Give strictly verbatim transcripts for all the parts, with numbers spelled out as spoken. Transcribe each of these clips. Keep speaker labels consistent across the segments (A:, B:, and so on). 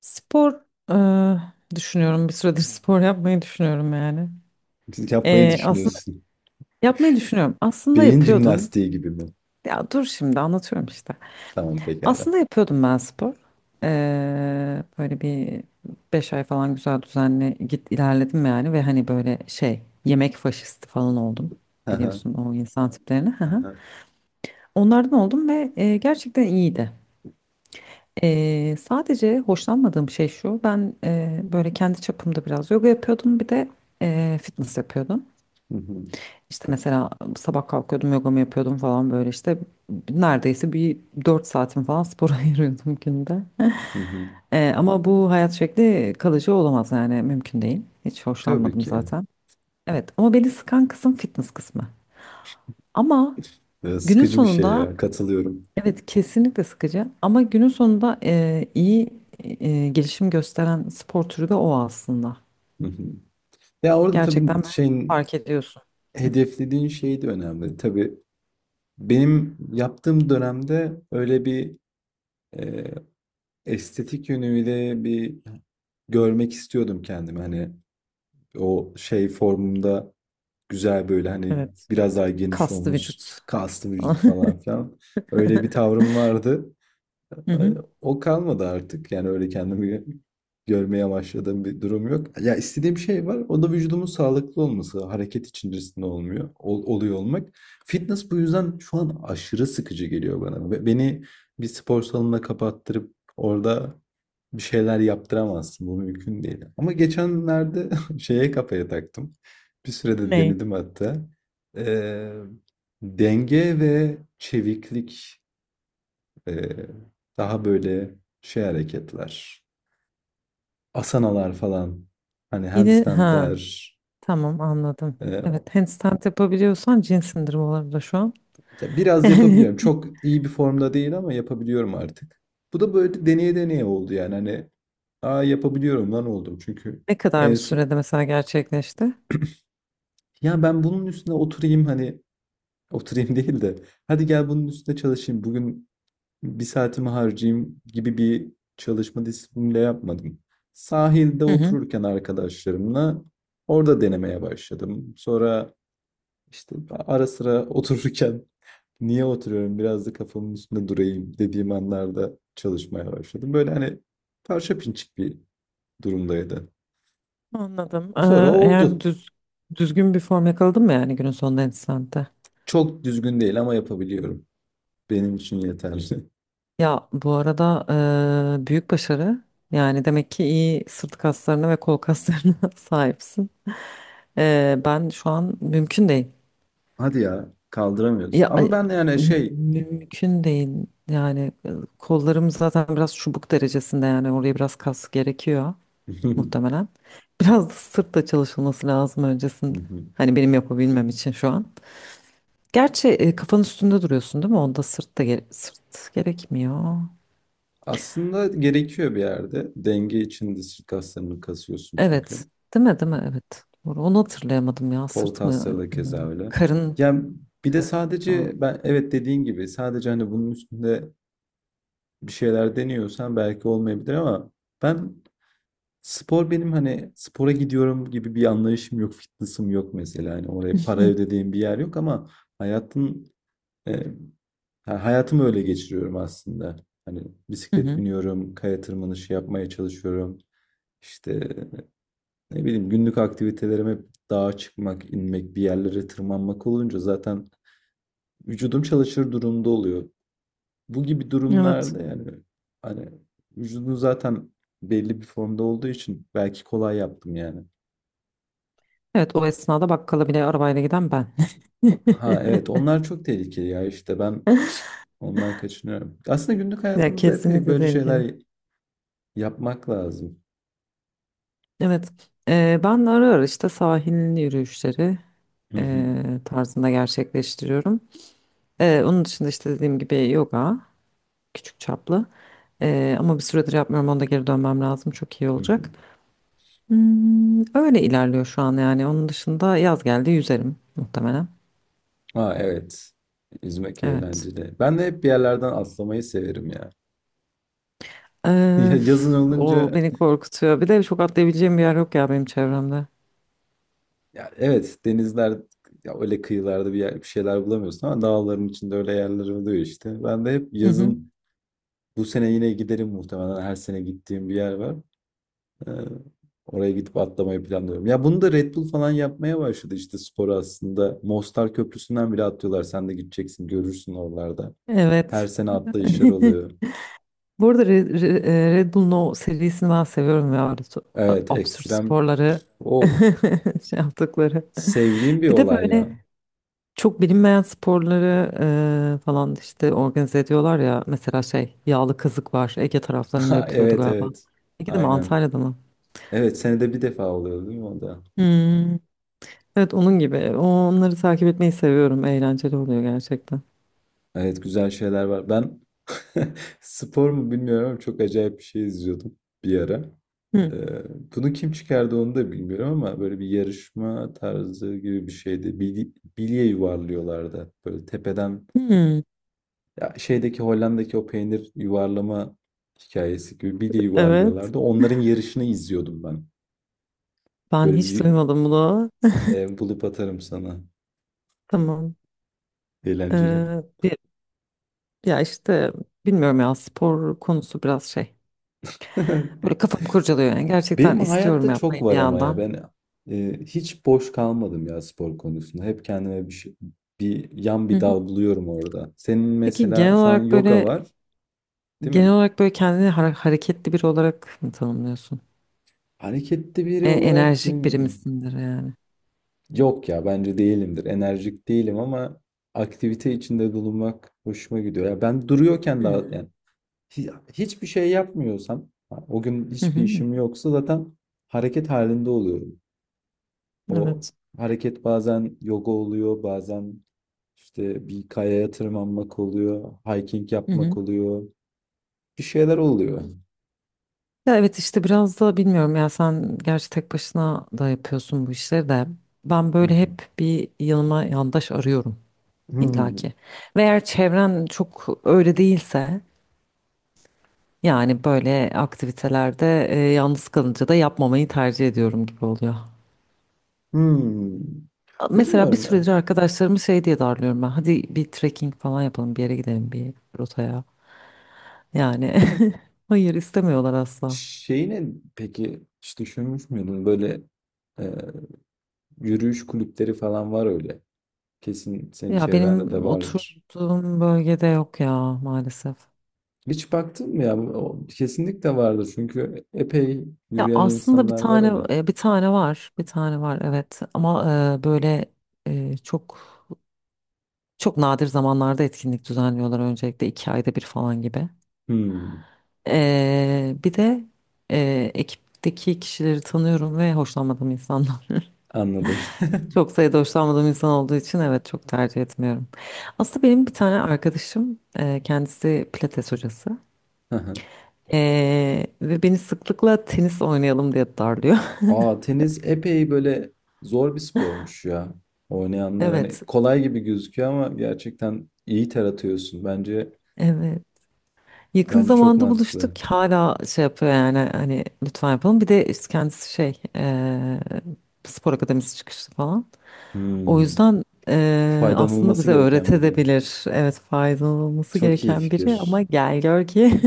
A: Spor. e, Düşünüyorum bir süredir spor yapmayı düşünüyorum yani.
B: Yapmayı
A: E, aslında
B: düşünüyorsun.
A: yapmayı düşünüyorum. Aslında
B: Beyin
A: yapıyordum.
B: jimnastiği gibi mi?
A: Ya dur şimdi anlatıyorum işte.
B: Tamam pekala.
A: Aslında yapıyordum ben spor. E, böyle bir beş ay falan güzel düzenli git ilerledim yani ve hani böyle şey yemek faşisti falan oldum.
B: Aha,
A: Biliyorsun o insan tiplerini. Hı hı.
B: aha.
A: Onlardan oldum ve e, gerçekten iyiydi. Ee, sadece hoşlanmadığım şey şu, ben e, böyle kendi çapımda biraz yoga yapıyordum, bir de e, fitness yapıyordum.
B: Hı hı,
A: İşte mesela sabah kalkıyordum, yogamı yapıyordum falan böyle işte neredeyse bir dört saatim falan spora ayırıyordum günde.
B: hı hı.
A: Ee, ama bu hayat şekli kalıcı olamaz yani mümkün değil. Hiç
B: Tabii
A: hoşlanmadım
B: ki.
A: zaten. Evet ama beni sıkan kısım fitness kısmı. Ama
B: Ee,
A: günün
B: Sıkıcı bir şey
A: sonunda
B: ya. Katılıyorum.
A: evet, kesinlikle sıkıcı ama günün sonunda e, iyi e, gelişim gösteren spor türü de o aslında.
B: Hı hı. Ya orada
A: Gerçekten
B: tabii
A: böyle
B: şeyin
A: fark ediyorsun.
B: hedeflediğin şey de önemli. Tabii benim yaptığım dönemde öyle bir e, estetik yönüyle bir görmek istiyordum kendimi. Hani o şey formumda güzel böyle hani
A: Evet.
B: biraz daha geniş
A: Kaslı
B: omuz,
A: vücut.
B: kaslı vücut falan filan. Öyle bir tavrım vardı.
A: Hı hı.
B: O kalmadı artık. Yani öyle kendimi gö- görmeye başladığım bir durum yok. Ya istediğim şey var. O da vücudumun sağlıklı olması, hareket içerisinde olmuyor, ol- oluyor olmak. Fitness bu yüzden şu an aşırı sıkıcı geliyor bana. Ve beni bir spor salonuna kapattırıp orada bir şeyler yaptıramazsın. Bu mümkün değil. Ama geçenlerde şeye kafaya taktım. Bir sürede
A: Ne?
B: denedim hatta. Ee, Denge ve çeviklik, ee, daha böyle şey hareketler. Asanalar falan. Hani
A: Yine
B: handstandler.
A: ha, tamam, anladım.
B: Ee,
A: Evet, handstand yapabiliyorsan cin sindirimi olabilir şu an.
B: Ya biraz
A: Yani
B: yapabiliyorum. Çok iyi bir formda değil ama yapabiliyorum artık. Bu da böyle deneye deneye oldu yani. Hani aa yapabiliyorum lan oldum. Çünkü
A: ne kadar
B: en
A: bir
B: son
A: sürede mesela gerçekleşti?
B: ya ben bunun üstüne oturayım, hani oturayım değil de hadi gel bunun üstüne çalışayım. Bugün bir saatimi harcayayım gibi bir çalışma disipliniyle yapmadım. Sahilde
A: Hı hı.
B: otururken arkadaşlarımla orada denemeye başladım. Sonra işte ara sıra otururken niye oturuyorum biraz da kafamın üstünde durayım dediğim anlarda çalışmaya başladım. Böyle hani parça pinçik bir durumdaydı.
A: Anladım. Ee,
B: Sonra
A: eğer
B: oldu.
A: düz, düzgün bir form yakaladın mı yani günün sonunda handstand'de?
B: Çok düzgün değil ama yapabiliyorum. Benim için yeterli.
A: Ya bu arada eee, büyük başarı. Yani demek ki iyi sırt kaslarına ve kol kaslarına sahipsin. Eee, ben şu an mümkün değil.
B: Hadi ya kaldıramıyorsun.
A: Ya
B: Ama
A: ay,
B: ben de yani
A: mü-
B: şey.
A: mümkün değil. Yani e, kollarım zaten biraz çubuk derecesinde, yani oraya biraz kas gerekiyor muhtemelen. Biraz da sırtla çalışılması lazım öncesinde. Hani benim yapabilmem için şu an. Gerçi e, kafanın üstünde duruyorsun değil mi? Onda sırt da gere- sırt gerekmiyor.
B: Aslında gerekiyor bir yerde. Denge için de sırt kaslarını kasıyorsun
A: Evet.
B: çünkü.
A: Değil mi? Değil mi? Evet. Doğru. Onu hatırlayamadım ya.
B: Kol
A: Sırt mı?
B: kasları da
A: Ee,
B: keza öyle.
A: Karın.
B: Yani bir de
A: Karın. Ha.
B: sadece ben evet dediğin gibi sadece hani bunun üstünde bir şeyler deniyorsan belki olmayabilir ama ben spor, benim hani spora gidiyorum gibi bir anlayışım yok, fitness'ım yok mesela. Hani
A: Hı
B: oraya para
A: hı.
B: ödediğim bir yer yok ama hayatın e, yani hayatımı öyle geçiriyorum aslında. Hani
A: Hı
B: bisiklet
A: hı.
B: biniyorum, kaya tırmanışı yapmaya çalışıyorum. İşte ne bileyim, günlük aktivitelerime hep dağa çıkmak, inmek, bir yerlere tırmanmak olunca zaten vücudum çalışır durumda oluyor. Bu gibi
A: Evet.
B: durumlarda yani hani vücudun zaten belli bir formda olduğu için belki kolay yaptım yani.
A: Evet, o esnada bakkala bile arabayla giden ben.
B: Ha evet, onlar çok tehlikeli ya, işte ben ondan kaçınıyorum. Aslında günlük
A: Ya
B: hayatımızda epey
A: kesinlikle
B: böyle
A: tehlikeli.
B: şeyler yapmak lazım.
A: Evet. Ee, ben ara ara işte sahil yürüyüşleri
B: Hı hı,
A: ee, tarzında gerçekleştiriyorum. Ee, onun dışında işte dediğim gibi yoga, küçük çaplı. Ee, ama bir süredir yapmıyorum. Onda geri dönmem lazım. Çok iyi
B: hı hı.
A: olacak. Hmm, öyle ilerliyor şu an yani. Onun dışında yaz geldi, yüzerim muhtemelen.
B: Ha evet. Yüzmek
A: Evet.
B: eğlenceli. Ben de hep bir yerlerden atlamayı severim ya. Ya
A: Ee,
B: yazın
A: O
B: olunca,
A: beni korkutuyor. Bir de çok atlayabileceğim bir yer yok ya benim çevremde.
B: ya evet denizler ya öyle kıyılarda bir yer, bir şeyler bulamıyorsun ama dağların içinde öyle yerler oluyor işte. Ben de hep
A: Hı hı.
B: yazın bu sene yine giderim muhtemelen, her sene gittiğim bir yer var. Ee, Oraya gidip atlamayı planlıyorum. Ya bunu da Red Bull falan yapmaya başladı işte sporu aslında. Mostar Köprüsü'nden bile atlıyorlar. Sen de gideceksin, görürsün oralarda. Her
A: Evet.
B: sene atlayışlar oluyor.
A: Bu arada Re- Re- e, Red Bull'un o serisini ben seviyorum ya. Öyle so- a-
B: Evet,
A: absürt
B: ekstrem,
A: sporları
B: of,
A: şey yaptıkları.
B: sevdiğim bir
A: Bir de
B: olay ya.
A: böyle çok bilinmeyen sporları e, falan işte organize ediyorlar ya. Mesela şey, yağlı kazık var. Ege taraflarında yapılıyordu
B: Evet,
A: galiba.
B: evet,
A: Ege de mi,
B: aynen.
A: Antalya'da mı?
B: Evet senede bir defa oluyor değil mi o da?
A: Hmm. Evet, onun gibi. Onları takip etmeyi seviyorum. Eğlenceli oluyor gerçekten.
B: Evet, güzel şeyler var. Ben spor mu bilmiyorum ama çok acayip bir şey izliyordum bir ara.
A: Hmm.
B: Ee, Bunu kim çıkardı onu da bilmiyorum ama böyle bir yarışma tarzı gibi bir şeydi. Bil- bilye yuvarlıyorlardı. Böyle tepeden,
A: Hmm.
B: ya şeydeki Hollanda'daki o peynir yuvarlama hikayesi gibi bilye
A: Evet.
B: yuvarlıyorlardı. Onların yarışını izliyordum ben.
A: Ben
B: Böyle
A: hiç
B: bir
A: duymadım bunu.
B: e, bulup atarım sana.
A: Tamam.
B: Eğlenceli.
A: Ee, bir, ya işte bilmiyorum ya, spor konusu biraz şey. Böyle kafam kurcalıyor yani. Gerçekten
B: Benim
A: istiyorum
B: hayatta çok
A: yapmayı bir
B: var ama ya
A: yandan.
B: ben e, hiç boş kalmadım ya spor konusunda. Hep kendime bir şey, bir yan
A: Hı
B: bir
A: hı.
B: dal buluyorum orada. Senin
A: Peki genel
B: mesela şu an
A: olarak
B: yoga
A: böyle
B: var, değil
A: genel
B: mi?
A: olarak böyle kendini har- hareketli biri olarak mı tanımlıyorsun?
B: Hareketli biri
A: E,
B: olarak
A: enerjik biri
B: hmm,
A: misindir yani?
B: yok ya bence değilimdir. Enerjik değilim ama aktivite içinde bulunmak hoşuma gidiyor. Ya ben duruyorken daha
A: Hmm.
B: yani hi- hiçbir şey yapmıyorsam, o gün
A: Hı
B: hiçbir
A: hı.
B: işim yoksa zaten hareket halinde oluyorum. O
A: Evet.
B: hareket bazen yoga oluyor, bazen işte bir kayaya tırmanmak oluyor, hiking yapmak oluyor. Bir şeyler oluyor.
A: Ya evet, işte biraz da bilmiyorum ya, sen gerçi tek başına da yapıyorsun bu işleri de, ben
B: Hı
A: böyle
B: hı.
A: hep bir yanıma yandaş arıyorum
B: Hmm,
A: illaki. Ve eğer çevren çok öyle değilse, yani böyle aktivitelerde e, yalnız kalınca da yapmamayı tercih ediyorum gibi oluyor.
B: hmm.
A: Mesela bir
B: Bilmiyorum ya.
A: süredir arkadaşlarımı şey diye darlıyorum: ben hadi bir trekking falan yapalım, bir yere gidelim, bir rotaya, yani hayır, istemiyorlar asla.
B: Şeyi ne, peki hiç düşünmüş müydün? Böyle e, yürüyüş kulüpleri falan var öyle. Kesin senin
A: Ya
B: çevrende de
A: benim
B: vardır.
A: oturduğum bölgede yok ya maalesef.
B: Hiç baktın mı ya? O- kesinlikle vardır çünkü epey
A: Ya
B: yürüyen
A: aslında bir
B: insanlar var
A: tane
B: öyle.
A: e, bir tane var. Bir tane var evet. Ama e, böyle e, çok çok nadir zamanlarda etkinlik düzenliyorlar öncelikle, iki ayda bir falan gibi.
B: Hmm,
A: E, bir de e, ekipteki kişileri tanıyorum ve hoşlanmadığım insanlar.
B: anladım.
A: Çok sayıda hoşlanmadığım insan olduğu için evet, çok tercih etmiyorum. Aslında benim bir tane arkadaşım e, kendisi pilates hocası. E, Ve beni sıklıkla tenis oynayalım diye darlıyor.
B: Aa, tenis epey böyle zor bir spormuş ya. Oynayanlar hani
A: Evet.
B: kolay gibi gözüküyor ama gerçekten iyi ter atıyorsun. Bence
A: Evet. Yakın
B: bence çok
A: zamanda
B: mantıklı.
A: buluştuk. Hala şey yapıyor yani, hani lütfen yapalım. Bir de işte kendisi şey eee, spor akademisi çıkışlı falan. O
B: Hmm.
A: yüzden eee, aslında
B: Faydalanılması
A: bize
B: gereken biri.
A: öğretebilir. Evet, faydalanılması
B: Çok iyi
A: gereken biri ama
B: fikir.
A: gel gör ki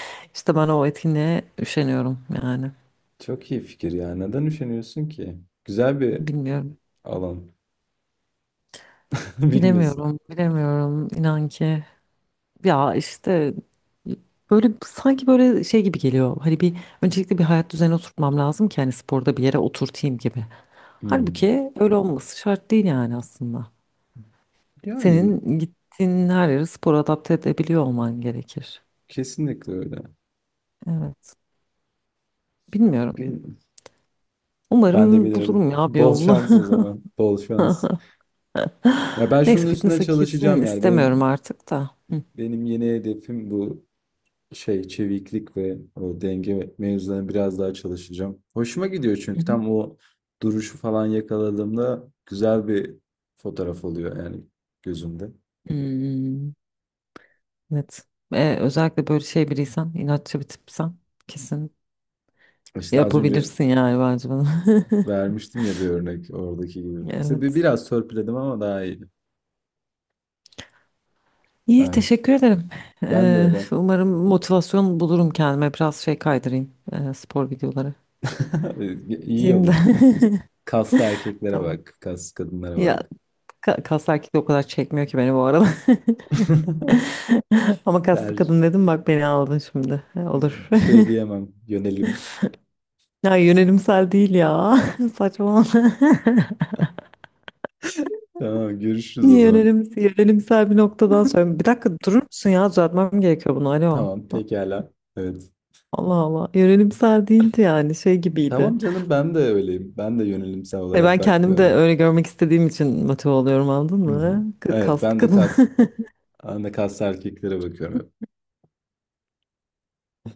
A: işte ben o etkinliğe üşeniyorum yani.
B: Çok iyi fikir ya. Neden üşeniyorsun ki? Güzel bir
A: Bilmiyorum.
B: alan. Bilmiyorsun.
A: Bilemiyorum. Bilemiyorum. İnan ki. Ya işte böyle sanki böyle şey gibi geliyor. Hani bir, öncelikle bir hayat düzeni oturtmam lazım ki hani sporda bir yere oturtayım gibi.
B: Hmm.
A: Halbuki öyle olması şart değil yani aslında.
B: Yani
A: Senin gittiğin her yere spor adapte edebiliyor olman gerekir.
B: kesinlikle öyle.
A: Evet. Bilmiyorum.
B: Bil- Ben de
A: Umarım
B: bilirdim.
A: bulurum ya bir
B: Bol
A: yolunu.
B: şans o zaman. Bol şans. Ya ben şunun
A: Neyse,
B: üstüne
A: fitness'a kesin
B: çalışacağım yani.
A: istemiyorum
B: Benim
A: artık da. Hı.
B: Benim yeni hedefim bu, şey çeviklik ve o denge mevzularına biraz daha çalışacağım. Hoşuma gidiyor
A: Hı
B: çünkü
A: hı.
B: tam o duruşu falan yakaladığımda güzel bir fotoğraf oluyor yani gözümde.
A: Hmm, evet. Ee, özellikle böyle şey biriysen, inatçı bir tipsen, kesin
B: İşte az önce
A: yapabilirsin yani bence bunu.
B: vermiştim ya bir örnek, oradaki gibi. İşte bir,
A: Evet.
B: biraz törpüledim ama daha iyi.
A: İyi,
B: Ay
A: teşekkür ederim.
B: ben de
A: Ee,
B: öyle.
A: umarım motivasyon bulurum kendime. Biraz şey kaydırayım, e, spor videoları.
B: İyi
A: Gideyim de.
B: olur. Kaslı erkeklere
A: Tamam.
B: bak, kaslı kadınlara
A: Ya,
B: bak.
A: ka kas erkek de o kadar çekmiyor ki beni bu arada. Ama kaslı
B: Ter,
A: kadın dedim, bak beni aldın şimdi. E, Olur.
B: bir şey diyemem, yönelim.
A: Ya yönelimsel değil ya. Saçmalama.
B: Tamam, görüşürüz o
A: Niye
B: zaman.
A: yönelim, yönelimsel bir noktadan sonra. Bir dakika durur musun ya? Düzeltmem gerekiyor bunu. Alo.
B: Tamam, pekala, evet.
A: Allah Allah. Yönelimsel değildi yani, şey gibiydi.
B: Tamam canım, ben de öyleyim. Ben de yönelimsel
A: Hani
B: olarak
A: ben kendimi de
B: bakmıyorum.
A: öyle görmek istediğim için motive oluyorum, anladın
B: Hı hı.
A: mı? K-
B: Evet,
A: Kaslı
B: ben de
A: kadın.
B: kas ben de kaslı erkeklere bakıyorum hep.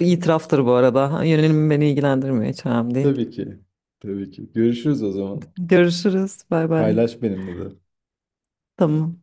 A: Bir İtiraftır bu arada. Yönelimim beni ilgilendirmiyor, hiç önemli değil.
B: Tabii ki. Tabii ki. Görüşürüz o zaman.
A: Görüşürüz. Bay bay.
B: Paylaş benimle de.
A: Tamam.